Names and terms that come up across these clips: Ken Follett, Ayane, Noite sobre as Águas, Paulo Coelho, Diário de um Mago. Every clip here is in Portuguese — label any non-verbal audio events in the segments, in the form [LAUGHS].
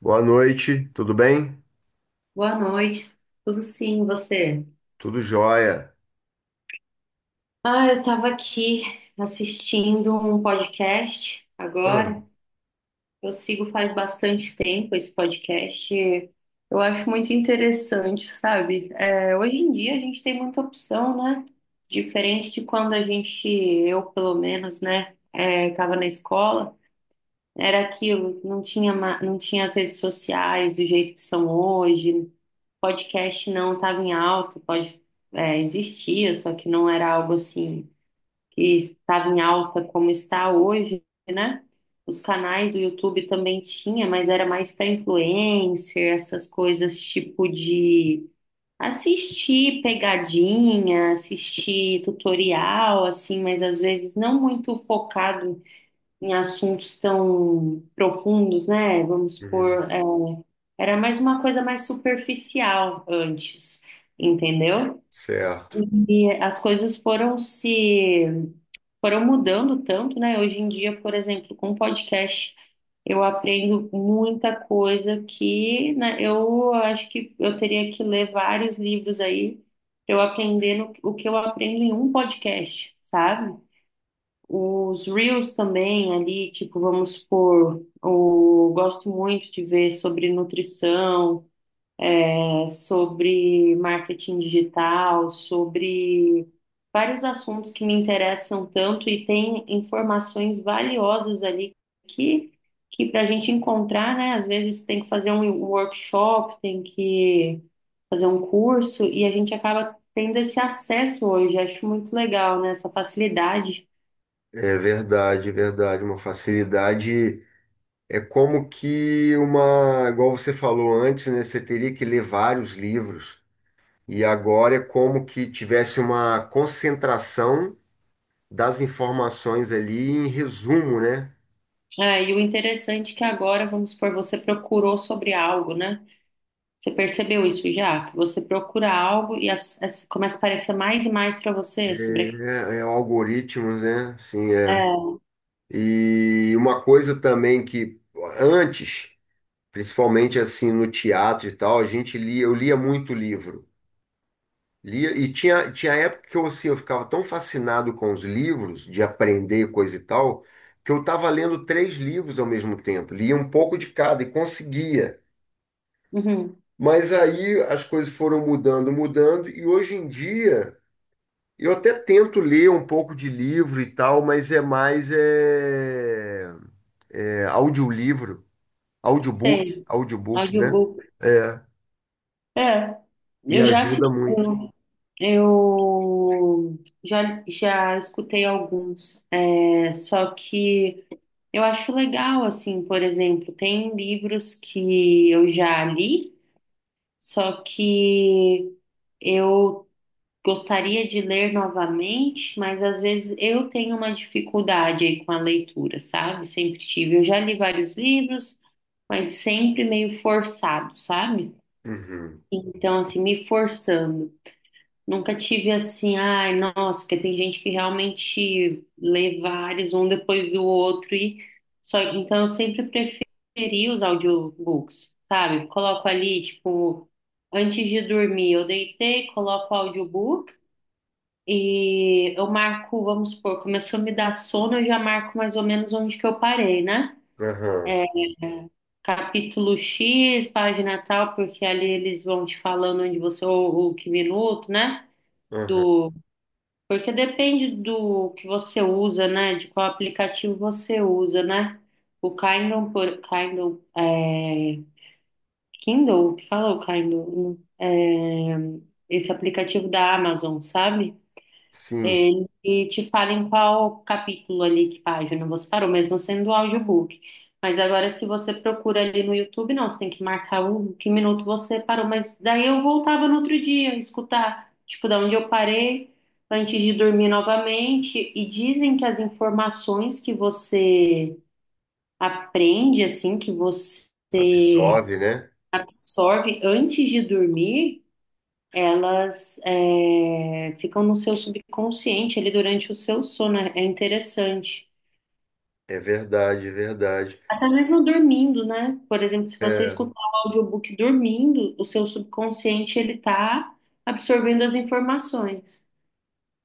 Boa noite, tudo bem? Boa noite, tudo sim, você? Tudo jóia. Ah, eu estava aqui assistindo um podcast Hum. agora. Eu sigo faz bastante tempo esse podcast. Eu acho muito interessante, sabe? É, hoje em dia a gente tem muita opção, né? Diferente de quando a gente, eu pelo menos, né, estava na escola, era aquilo, não tinha, não tinha as redes sociais do jeito que são hoje. Podcast não estava em alta, existia, só que não era algo assim que estava em alta como está hoje, né? Os canais do YouTube também tinha, mas era mais para influencer, essas coisas tipo de assistir pegadinha, assistir tutorial, assim, mas às vezes não muito focado em assuntos tão profundos, né? Vamos Uhum, supor, era mais uma coisa mais superficial antes, entendeu? certo. E as coisas foram se foram mudando tanto, né? Hoje em dia, por exemplo, com podcast, eu aprendo muita coisa que, né, eu acho que eu teria que ler vários livros aí para eu aprender o que eu aprendo em um podcast, sabe? Os Reels também ali, tipo, vamos supor, eu gosto muito de ver sobre nutrição, sobre marketing digital, sobre vários assuntos que me interessam tanto e tem informações valiosas ali que, que para a gente encontrar, né? Às vezes tem que fazer um workshop, tem que fazer um curso e a gente acaba tendo esse acesso hoje. Acho muito legal, né? Essa facilidade. É verdade, verdade. Uma facilidade é como que uma, igual você falou antes, né? Você teria que ler vários livros. E agora é como que tivesse uma concentração das informações ali em resumo, né? É, e o interessante é que agora, vamos supor, você procurou sobre algo, né? Você percebeu isso já? Que você procura algo e começa a aparecer mais e mais para É, você sobre. é é algoritmos, né? Sim, é. É, E uma coisa também que antes, principalmente assim no teatro e tal, a gente lia, eu lia muito livro. Lia, e tinha época que eu, assim, eu ficava tão fascinado com os livros, de aprender coisa e tal, que eu estava lendo três livros ao mesmo tempo, lia um pouco de cada e conseguia. uhum, Mas aí as coisas foram mudando, e hoje em dia eu até tento ler um pouco de livro e tal, mas é mais audiolivro, audiobook, sei, audiobook, né? audiobook. É, É, e eu já ajuda assisti, muito. eu já escutei alguns, só que eu acho legal, assim, por exemplo, tem livros que eu já li, só que. Eu gostaria de ler novamente, mas às vezes eu tenho uma dificuldade aí com a leitura, sabe? Sempre tive. Eu já li vários livros, mas sempre meio forçado, sabe? Uhum. Então, assim, me forçando. Nunca tive assim, ai, nossa, que tem gente que realmente lê vários, um depois do outro, e só. Então, eu sempre preferi os audiobooks, sabe? Coloco ali, tipo, antes de dormir, eu deitei, coloco o audiobook. E eu marco, vamos supor, começou a me dar sono, eu já marco mais ou menos onde que eu parei, né? Aham. Capítulo X, página tal, porque ali eles vão te falando onde você, ou que minuto, né? Aham. Do, porque depende do que você usa, né? De qual aplicativo você usa, né? O Kindle, Kindle, Kindle, o que fala o Kindle? É, esse aplicativo da Amazon, sabe? Sim, E te fala em qual capítulo ali, que página você parou, mesmo sendo audiobook. Mas agora, se você procura ali no YouTube, não, você tem que marcar o que minuto você parou. Mas daí eu voltava no outro dia, escutar, tipo, da onde eu parei, antes de dormir novamente. E dizem que as informações que você aprende, assim, que você absorve, né? absorve antes de dormir, elas ficam no seu subconsciente ali durante o seu sono. É interessante. É verdade, é verdade. Até mesmo dormindo, né? Por exemplo, se você É escutar o audiobook dormindo, o seu subconsciente ele tá absorvendo as informações.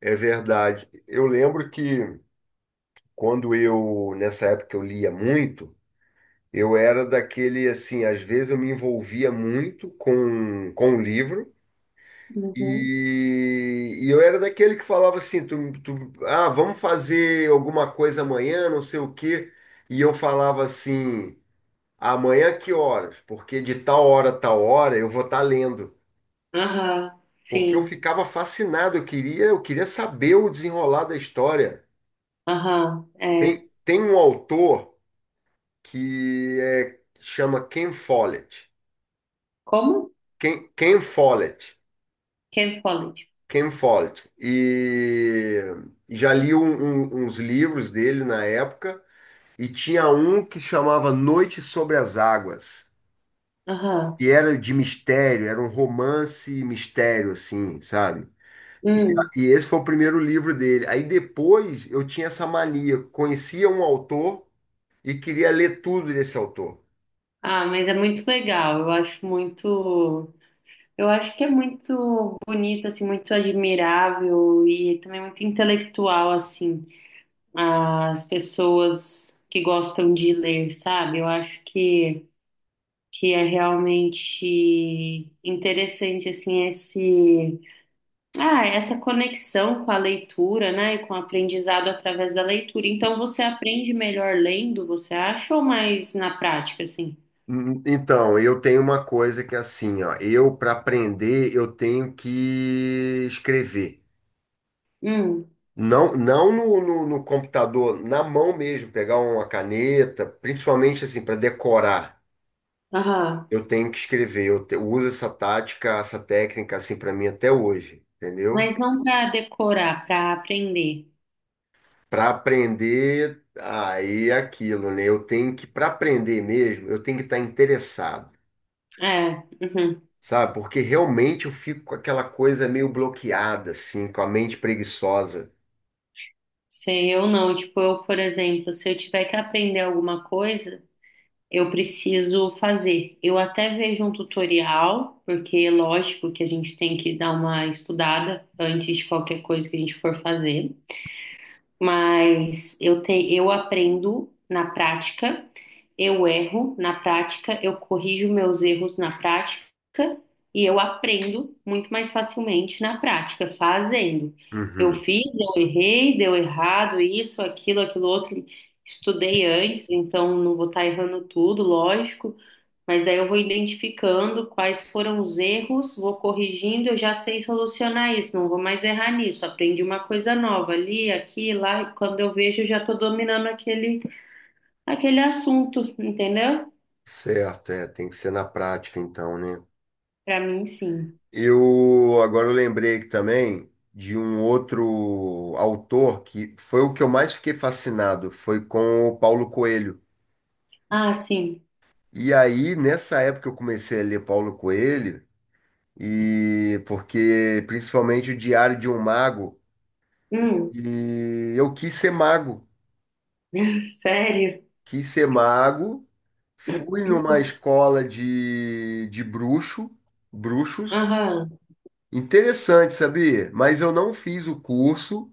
é verdade. Eu lembro que quando eu, nessa época, eu lia muito, eu era daquele assim, às vezes eu me envolvia muito com o livro Uhum. E eu era daquele que falava assim, ah, vamos fazer alguma coisa amanhã, não sei o quê. E eu falava assim. Amanhã que horas? Porque de tal hora a tal hora eu vou estar lendo. Aham, Porque eu sim. ficava fascinado, eu queria saber o desenrolar da história. Aham, é. Tem um autor chama Ken Follett. Como? Ken Follett. Ken Follett. Ken Follett. E já li uns livros dele na época, e tinha um que chamava Noite sobre as Águas, Aham. que era de mistério, era um romance e mistério, assim, sabe? E, Hum. e esse foi o primeiro livro dele. Aí depois eu tinha essa mania, conhecia um autor e queria ler tudo desse autor. Ah, mas é muito legal. Eu acho muito. Eu acho que é muito bonito, assim, muito admirável e também muito intelectual, assim, as pessoas que gostam de ler, sabe? Eu acho que é realmente interessante, assim, essa conexão com a leitura, né? E com o aprendizado através da leitura. Então, você aprende melhor lendo, você acha, ou mais na prática, assim? Hum. Então, eu tenho uma coisa que é assim, ó, eu para aprender eu tenho que escrever. Hum, Não no computador, na mão mesmo, pegar uma caneta, principalmente assim para decorar. aham. Eu tenho que escrever, uso essa tática, essa técnica assim para mim até hoje, entendeu? Mas não para decorar, para aprender. Para aprender, aí é aquilo, né? Eu tenho que, para aprender mesmo, eu tenho que estar interessado, É, uhum. sabe? Porque realmente eu fico com aquela coisa meio bloqueada, assim, com a mente preguiçosa. Sei, eu não. Tipo, eu, por exemplo, se eu tiver que aprender alguma coisa, eu preciso fazer. Eu até vejo um tutorial, porque é lógico que a gente tem que dar uma estudada antes de qualquer coisa que a gente for fazer. Mas eu aprendo na prática, eu erro na prática, eu corrijo meus erros na prática e eu aprendo muito mais facilmente na prática, fazendo. Eu Uhum. fiz, eu errei, deu errado, isso, aquilo, aquilo outro, estudei antes, então não vou estar errando tudo, lógico, mas daí eu vou identificando quais foram os erros, vou corrigindo, eu já sei solucionar isso, não vou mais errar nisso. Aprendi uma coisa nova ali, aqui, lá, e quando eu vejo, eu já estou dominando aquele assunto, entendeu? Certo, é, tem que ser na prática, então, né? Para mim, sim. Eu agora eu lembrei que também de um outro autor que foi o que eu mais fiquei fascinado, foi com o Paulo Coelho. Ah, sim. E aí, nessa época que eu comecei a ler Paulo Coelho, e porque principalmente o Diário de um Mago, Hum, e eu [LAUGHS] sério? quis ser mago, fui numa escola de bruxos. Aham. Interessante, sabia? Mas eu não fiz o curso,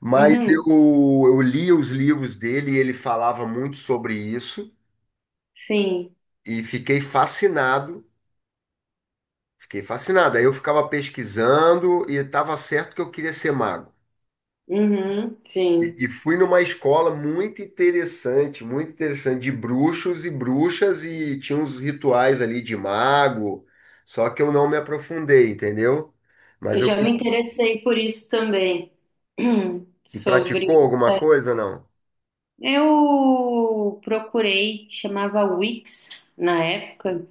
mas Uhum. eu li os livros dele e ele falava muito sobre isso Sim. e fiquei fascinado, fiquei fascinado. Aí eu ficava pesquisando e estava certo que eu queria ser mago. Uhum. E Sim. e fui numa escola muito interessante, de bruxos e bruxas, e tinha uns rituais ali de mago, só que eu não me aprofundei, entendeu? Eu Mas eu já me quis. interessei por isso também. [CLEARS THROAT] E praticou sobre alguma coisa ou não? Eu procurei, chamava Wix na época.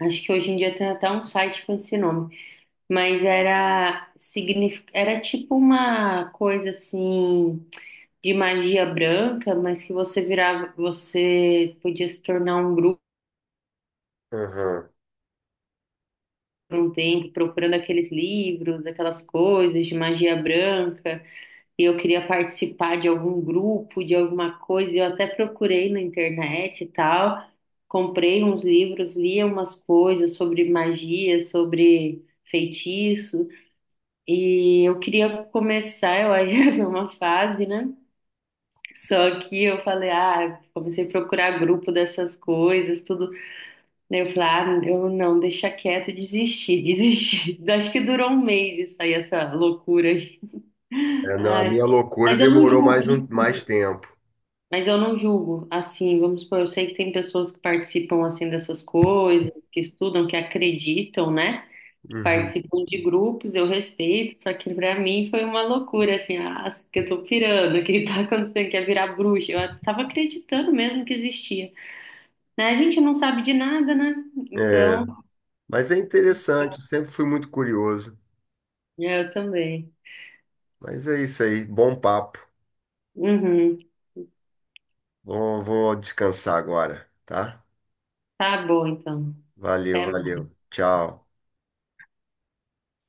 Acho que hoje em dia tem até um site com esse nome, mas era tipo uma coisa assim de magia branca, mas que você virava, você podia se tornar um grupo Aham. por um tempo procurando aqueles livros, aquelas coisas de magia branca. E eu queria participar de algum grupo, de alguma coisa, eu até procurei na internet e tal, comprei uns livros, lia umas coisas sobre magia, sobre feitiço, e eu queria começar, eu aí [LAUGHS] ia ver uma fase, né? Só que eu falei, ah, comecei a procurar grupo dessas coisas, tudo. Daí eu falei, ah, eu não, deixa quieto, desisti, [LAUGHS] desisti. Acho que durou um mês isso aí, essa loucura aí. É, não, a Ai, minha loucura mas eu não demorou julgo, não mais julgo. tempo. Mas eu não julgo, assim, vamos supor, eu sei que tem pessoas que participam, assim, dessas coisas, que estudam, que acreditam, né? Que Uhum. participam de grupos, eu respeito, só que pra mim foi uma loucura, assim, ah, que eu tô pirando, o que tá acontecendo, quer virar bruxa. Eu tava acreditando mesmo que existia. Né? A gente não sabe de nada, né? É, Então, mas é interessante, eu sempre fui muito curioso. eu também. Mas é isso aí, bom papo. Uhum. Vou descansar agora, tá? Tá bom, então. Valeu, Até valeu. Tchau.